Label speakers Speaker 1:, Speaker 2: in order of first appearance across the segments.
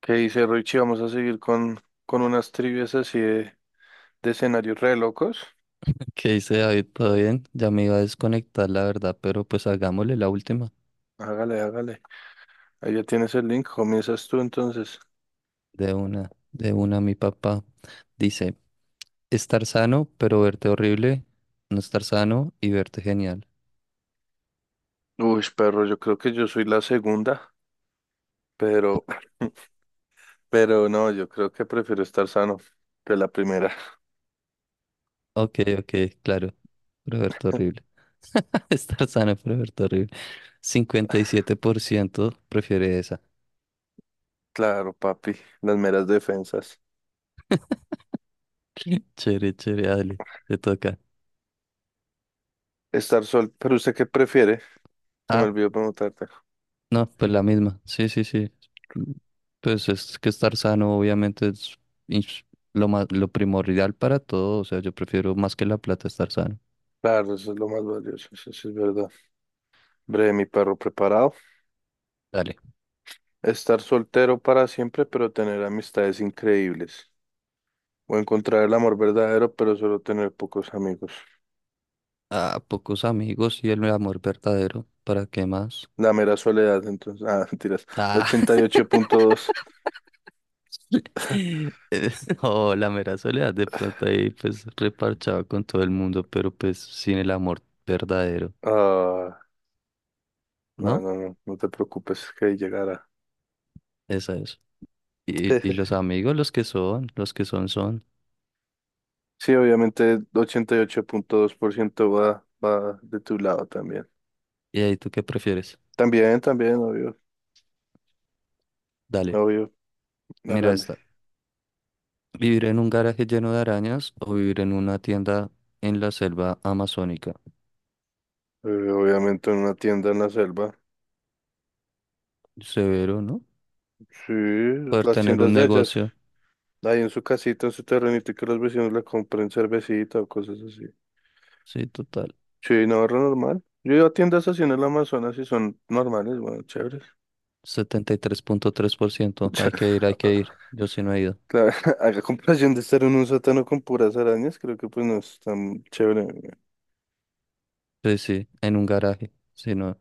Speaker 1: ¿Qué dice Richie? Vamos a seguir con unas trivias así de escenarios re locos.
Speaker 2: ¿Qué dice David? ¿Todo bien? Ya me iba a desconectar, la verdad, pero pues hagámosle la última.
Speaker 1: Hágale, hágale. Ahí ya tienes el link. Comienzas tú entonces.
Speaker 2: De una, mi papá. Dice, estar sano, pero verte horrible. No estar sano y verte genial.
Speaker 1: Uy, perro, yo creo que yo soy la segunda, pero, pero no, yo creo que prefiero estar sano que la primera.
Speaker 2: Ok, claro. Pero verte horrible. Estar sano, pero verte horrible. 57% prefiere esa.
Speaker 1: Claro, papi, las meras defensas.
Speaker 2: Chévere, dale. Te toca.
Speaker 1: Estar sol, pero ¿usted qué prefiere? Se me
Speaker 2: ah
Speaker 1: olvidó preguntarte.
Speaker 2: No, pues la misma. Sí. Mm, Pues es que estar sano obviamente es ins- lo más, lo primordial para todo. O sea, yo prefiero más que la plata estar sano.
Speaker 1: Claro, eso es lo más valioso, eso sí es verdad. Breve, mi perro preparado.
Speaker 2: Dale.
Speaker 1: Estar soltero para siempre, pero tener amistades increíbles. O encontrar el amor verdadero, pero solo tener pocos amigos.
Speaker 2: A pocos amigos y el amor verdadero. ¿Para qué más?
Speaker 1: La mera soledad, entonces. Ah, mentiras.
Speaker 2: Ah,
Speaker 1: 88.2.
Speaker 2: eh, no, la mera soledad de pronto ahí pues reparchado con todo el mundo, pero pues sin el amor verdadero,
Speaker 1: Ah, no,
Speaker 2: ¿no?
Speaker 1: no, no, no te preocupes, que ahí llegará.
Speaker 2: Esa es. Y los amigos, los que son, son.
Speaker 1: Sí, obviamente 88.2% va de tu lado también.
Speaker 2: ¿Y ahí tú qué prefieres?
Speaker 1: También, también, obvio,
Speaker 2: Dale,
Speaker 1: obvio,
Speaker 2: mira
Speaker 1: hágale.
Speaker 2: esta. ¿Vivir en un garaje lleno de arañas o vivir en una tienda en la selva amazónica?
Speaker 1: Obviamente en una tienda en la selva.
Speaker 2: Severo, ¿no?
Speaker 1: Sí,
Speaker 2: Poder
Speaker 1: las
Speaker 2: tener un
Speaker 1: tiendas de ellas.
Speaker 2: negocio.
Speaker 1: Ahí en su casita, en su terrenito, y que los vecinos le compren cervecita o cosas así.
Speaker 2: Sí, total.
Speaker 1: Sí, no, re normal. Yo iba a tiendas así en el Amazonas y son normales, bueno, chéveres.
Speaker 2: Setenta y tres punto tres por ciento. Hay que ir, hay que ir. Yo sí no he ido.
Speaker 1: Claro, a comparación de estar en un sótano con puras arañas, creo que pues no es tan chévere, güey.
Speaker 2: Sí, sí, en un garaje. Sí, no.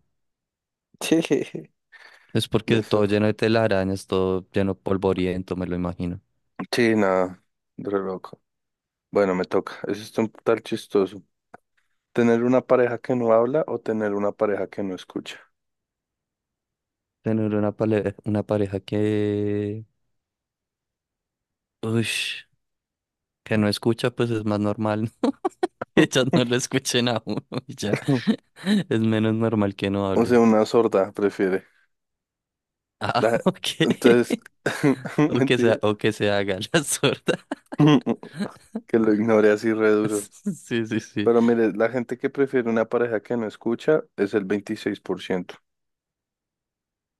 Speaker 1: Sí.
Speaker 2: Es porque
Speaker 1: Listo.
Speaker 2: todo lleno de telarañas, todo lleno de polvoriento, me lo imagino.
Speaker 1: Sí, nada, re loco. Bueno, me toca. Eso es un tal chistoso. ¿Tener una pareja que no habla o tener una pareja que no escucha?
Speaker 2: Tener una pareja que... Uy, que no escucha, pues es más normal. Ellas no lo escuchen a uno y ya. Es menos normal que no
Speaker 1: O sea,
Speaker 2: hablen.
Speaker 1: una sorda prefiere.
Speaker 2: Ah,
Speaker 1: Da-
Speaker 2: ok.
Speaker 1: Entonces,
Speaker 2: O que
Speaker 1: mentira.
Speaker 2: sea, o que se haga la sorda.
Speaker 1: Que lo ignore así re duro.
Speaker 2: Sí.
Speaker 1: Pero mire, la gente que prefiere una pareja que no escucha es el 26%.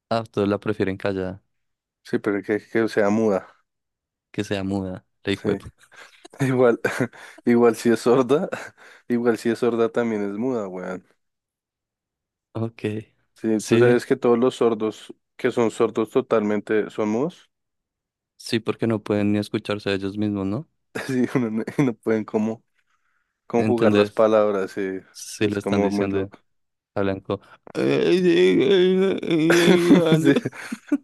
Speaker 2: Ah, todos la prefieren callada,
Speaker 1: Sí, pero que sea muda.
Speaker 2: que sea muda, la
Speaker 1: Sí.
Speaker 2: hijuepu.
Speaker 1: Igual, igual si es sorda, igual si es sorda también es muda, weón.
Speaker 2: Ok.
Speaker 1: Sí, tú
Speaker 2: Sí,
Speaker 1: sabes que todos los sordos que son sordos totalmente son mudos.
Speaker 2: sí, porque no pueden ni escucharse a ellos mismos, ¿no?
Speaker 1: Sí, uno no, y no pueden como conjugar las
Speaker 2: ¿Entendés?
Speaker 1: palabras, sí. Sí,
Speaker 2: Si
Speaker 1: es
Speaker 2: lo están
Speaker 1: como muy
Speaker 2: diciendo
Speaker 1: loco.
Speaker 2: a Blanco.
Speaker 1: Sí.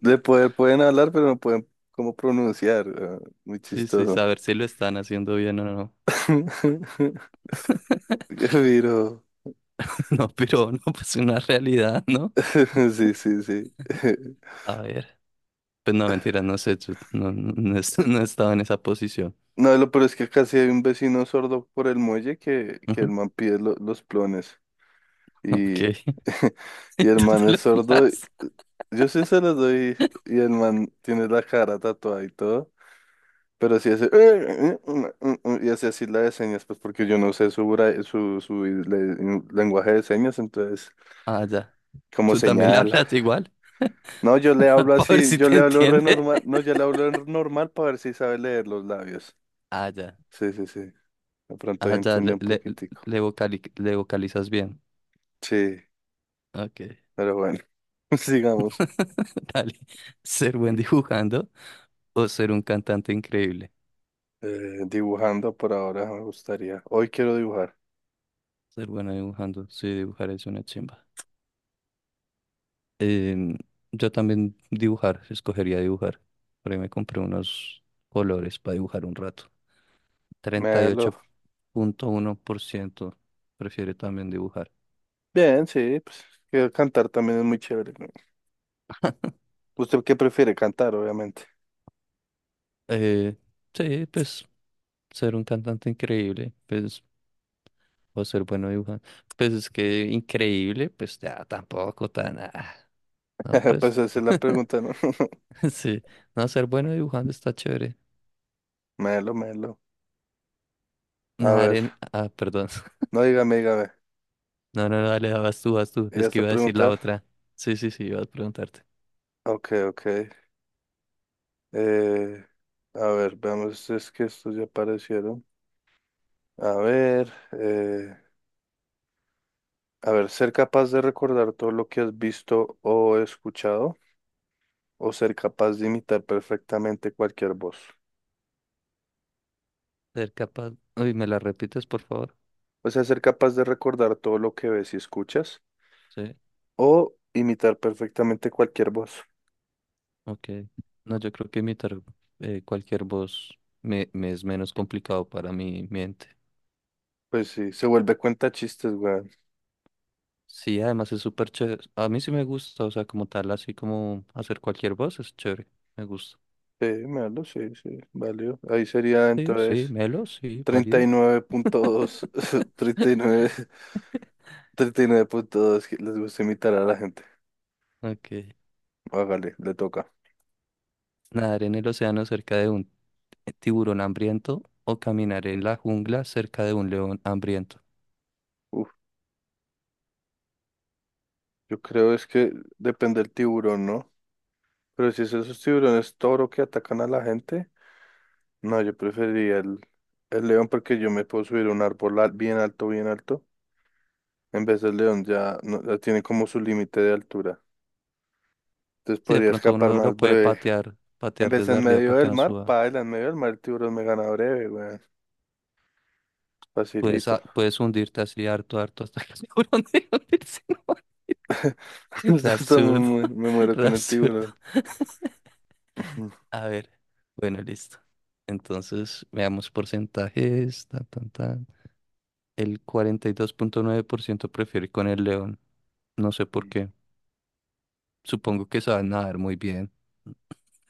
Speaker 1: De poder pueden hablar, pero no pueden como pronunciar, weón. Muy
Speaker 2: Sí,
Speaker 1: chistoso.
Speaker 2: saber si lo están haciendo bien o no.
Speaker 1: Qué Viro.
Speaker 2: No, pero no, pues una realidad, ¿no?
Speaker 1: Sí, sí, sí.
Speaker 2: A ver. Pues no, mentira, no sé, yo no he no he estado en esa posición.
Speaker 1: No, lo peor es que acá sí hay un vecino sordo por el muelle que el man pide los plones.
Speaker 2: Ok.
Speaker 1: Y, y el
Speaker 2: ¿Tú
Speaker 1: man
Speaker 2: se le
Speaker 1: es sordo.
Speaker 2: hablas?
Speaker 1: Yo sí se los doy y el man tiene la cara tatuada y todo. Pero sí hace... Y hace así la de señas, pues porque yo no sé su lenguaje de señas, entonces
Speaker 2: Ah, ya.
Speaker 1: como
Speaker 2: ¿Tú también le
Speaker 1: señala.
Speaker 2: hablas igual?
Speaker 1: No, yo le hablo
Speaker 2: Para ver
Speaker 1: así,
Speaker 2: si
Speaker 1: yo
Speaker 2: te
Speaker 1: le hablo re
Speaker 2: entiende.
Speaker 1: normal. No, yo le hablo normal para ver si sabe leer los labios.
Speaker 2: Ah, ya.
Speaker 1: Sí, sí, sí. De pronto ahí
Speaker 2: Ah, ya.
Speaker 1: entiende un poquitico.
Speaker 2: Le vocalizas bien.
Speaker 1: Sí,
Speaker 2: Ok.
Speaker 1: pero bueno, sigamos.
Speaker 2: Dale. Ser buen dibujando o ser un cantante increíble.
Speaker 1: Dibujando por ahora me gustaría. Hoy quiero dibujar.
Speaker 2: Ser bueno dibujando. Sí, dibujar es una chimba. Em, yo también dibujar. Escogería dibujar. Por ahí me compré unos colores para dibujar un rato. Treinta y
Speaker 1: Melo.
Speaker 2: ocho punto uno por ciento prefiere también dibujar.
Speaker 1: Bien, sí, pues que cantar también es muy chévere, ¿no? ¿Usted qué prefiere cantar, obviamente?
Speaker 2: Eh, sí, pues ser un cantante increíble, pues, o ser bueno dibujante. Pues es que increíble, pues ya tampoco tan. Ah, no,
Speaker 1: Pues
Speaker 2: pues.
Speaker 1: esa es la pregunta, ¿no?
Speaker 2: Sí, no, ser bueno dibujando está chévere.
Speaker 1: Melo, melo. A
Speaker 2: Nadar
Speaker 1: ver,
Speaker 2: en. Ah, perdón.
Speaker 1: no dígame, dígame.
Speaker 2: No, no, no, dale, vas tú.
Speaker 1: ¿Ya
Speaker 2: Es que
Speaker 1: está a
Speaker 2: iba a decir la
Speaker 1: preguntar?
Speaker 2: otra. Sí, iba a preguntarte.
Speaker 1: Ok, ok. Eh, a ver, veamos, es que estos ya aparecieron. A ver, eh, A ver, ser capaz de recordar todo lo que has visto o escuchado, o ser capaz de imitar perfectamente cualquier voz.
Speaker 2: Ser capaz. Uy, ¿me la repites, por favor?
Speaker 1: O sea, ser capaz de recordar todo lo que ves y escuchas,
Speaker 2: Sí,
Speaker 1: o imitar perfectamente cualquier voz.
Speaker 2: ok. No, yo creo que imitar cualquier voz me es menos complicado para mi mente.
Speaker 1: Pues sí, se vuelve cuenta chistes, weón.
Speaker 2: Sí, además es súper chévere. A mí sí me gusta, o sea, como tal, así como hacer cualquier voz es chévere. Me gusta.
Speaker 1: Sí, malo, sí, sí, valió. Ahí sería
Speaker 2: Sí,
Speaker 1: entonces
Speaker 2: Melo, sí,
Speaker 1: treinta treinta treinta y y y
Speaker 2: válido.
Speaker 1: nueve nueve, punto dos, treinta y nueve treinta y nueve punto dos, que les gusta imitar a la gente.
Speaker 2: Ok.
Speaker 1: Hágale, le toca.
Speaker 2: Nadar en el océano cerca de un tiburón hambriento o caminar en la jungla cerca de un león hambriento.
Speaker 1: Uf, yo creo es que depende del tiburón, ¿no? Pero si es esos tiburones toro que atacan a la gente, no, yo preferiría el, león porque yo me puedo subir a un árbol bien alto, bien alto. En vez del león ya, ya tiene como su límite de altura. Entonces
Speaker 2: Sí, de
Speaker 1: podría
Speaker 2: pronto
Speaker 1: escapar
Speaker 2: uno lo
Speaker 1: más
Speaker 2: puede
Speaker 1: breve.
Speaker 2: patear,
Speaker 1: En
Speaker 2: patear
Speaker 1: vez
Speaker 2: desde
Speaker 1: en
Speaker 2: arriba
Speaker 1: medio
Speaker 2: para que
Speaker 1: del
Speaker 2: no
Speaker 1: mar,
Speaker 2: suba.
Speaker 1: paila, en medio del mar el tiburón me gana breve, weón. Facilito.
Speaker 2: Puedes hundirte así harto, harto hasta que el tiburón deje hundirse. Re
Speaker 1: Hasta
Speaker 2: absurdo,
Speaker 1: me muero
Speaker 2: re
Speaker 1: con el
Speaker 2: absurdo.
Speaker 1: tiburón.
Speaker 2: A ver, bueno, listo. Entonces, veamos porcentajes, tan, tan, tan. El 42.9% prefiere ir con el león. No sé por qué. Supongo que saben nadar muy bien.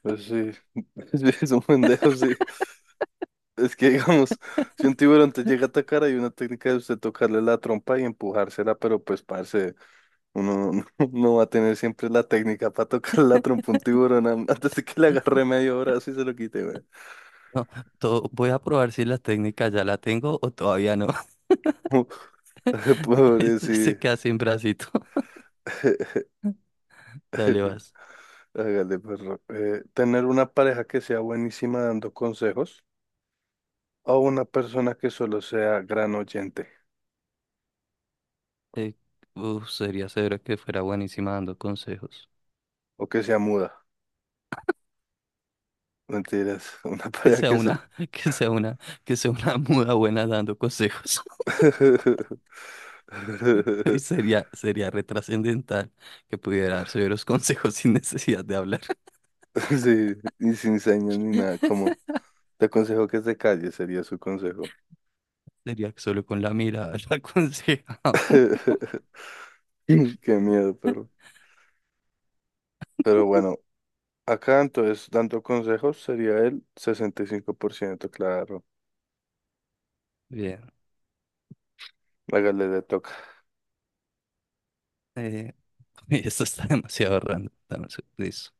Speaker 1: Pues sí, sí, es un pendejo, sí. Es que, digamos, si un tiburón te llega a atacar, hay una técnica de usted tocarle la trompa y empujársela, pero pues, parce, uno no, no va a tener siempre la técnica para tocar la trompa a un tiburón an- antes de que le agarre medio brazo y se lo quite,
Speaker 2: No, todo, voy a probar si la técnica ya la tengo o todavía no.
Speaker 1: güey. Pobre,
Speaker 2: Esto se
Speaker 1: sí.
Speaker 2: queda sin bracito. Dale, vas.
Speaker 1: Hágale, perro. Tener una pareja que sea buenísima dando consejos o una persona que solo sea gran oyente
Speaker 2: Eh, uf, sería severo que fuera buenísima dando consejos.
Speaker 1: o que sea muda. Mentiras, una
Speaker 2: Que
Speaker 1: pareja
Speaker 2: sea
Speaker 1: que...
Speaker 2: una, que sea una, que sea una muda buena dando consejos. Sería retrascendental que pudiera dar severos consejos sin necesidad de hablar.
Speaker 1: Sí, y sin señas ni nada, como te aconsejo que se calle, sería su consejo.
Speaker 2: Sería que solo con la mirada la aconseja a uno.
Speaker 1: Qué miedo, perro. Pero bueno, acá entonces, dando consejos, sería el 65%, claro.
Speaker 2: Bien.
Speaker 1: Hágale, le toca.
Speaker 2: eh, uy, esto está demasiado random. Dame un listo.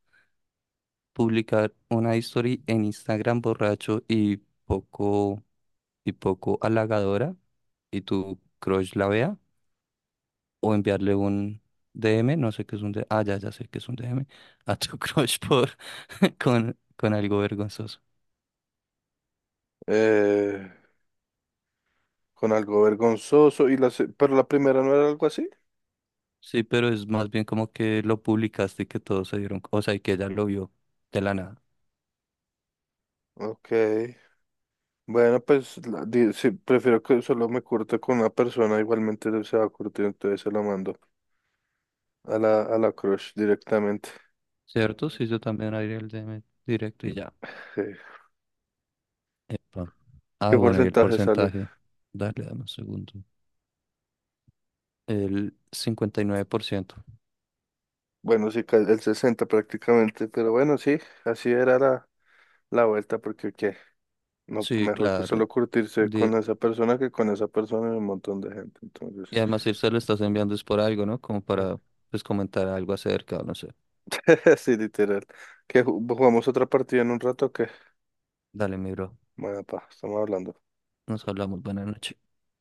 Speaker 2: Publicar una historia en Instagram borracho y poco, y poco halagadora y tu crush la vea. O enviarle un DM, no sé qué es un DM. Ah, ya, ya sé qué es un DM. A tu crush con algo vergonzoso.
Speaker 1: Eh, con algo vergonzoso, y pero la primera no era algo así.
Speaker 2: Sí, pero es más bien como que lo publicaste y que todos se dieron, o sea, y que ella lo vio de la nada,
Speaker 1: Ok. Bueno, pues sí, prefiero que solo me curte con una persona, igualmente se va a curtir, entonces se lo mando a la crush directamente.
Speaker 2: ¿cierto? Sí, yo también abrí el DM directo y ya.
Speaker 1: Sí.
Speaker 2: Epa. Ah,
Speaker 1: ¿Qué
Speaker 2: bueno, y el
Speaker 1: porcentaje sale?
Speaker 2: porcentaje. Dale, dame un segundo. El 59%.
Speaker 1: Bueno, sí, el 60 prácticamente, pero bueno, sí, así era la vuelta, porque qué, no, pues,
Speaker 2: Sí,
Speaker 1: mejor
Speaker 2: claro.
Speaker 1: solo curtirse
Speaker 2: Di-
Speaker 1: con esa persona que con esa persona y un montón de gente, entonces,
Speaker 2: y además, si se lo estás enviando es por algo, ¿no? Como para, pues, comentar algo acerca, no sé.
Speaker 1: sí, literal. Que jugamos otra partida en un rato, o qué
Speaker 2: Dale, mi bro.
Speaker 1: bueno, pa, estamos hablando.
Speaker 2: Nos hablamos. Buenas noches.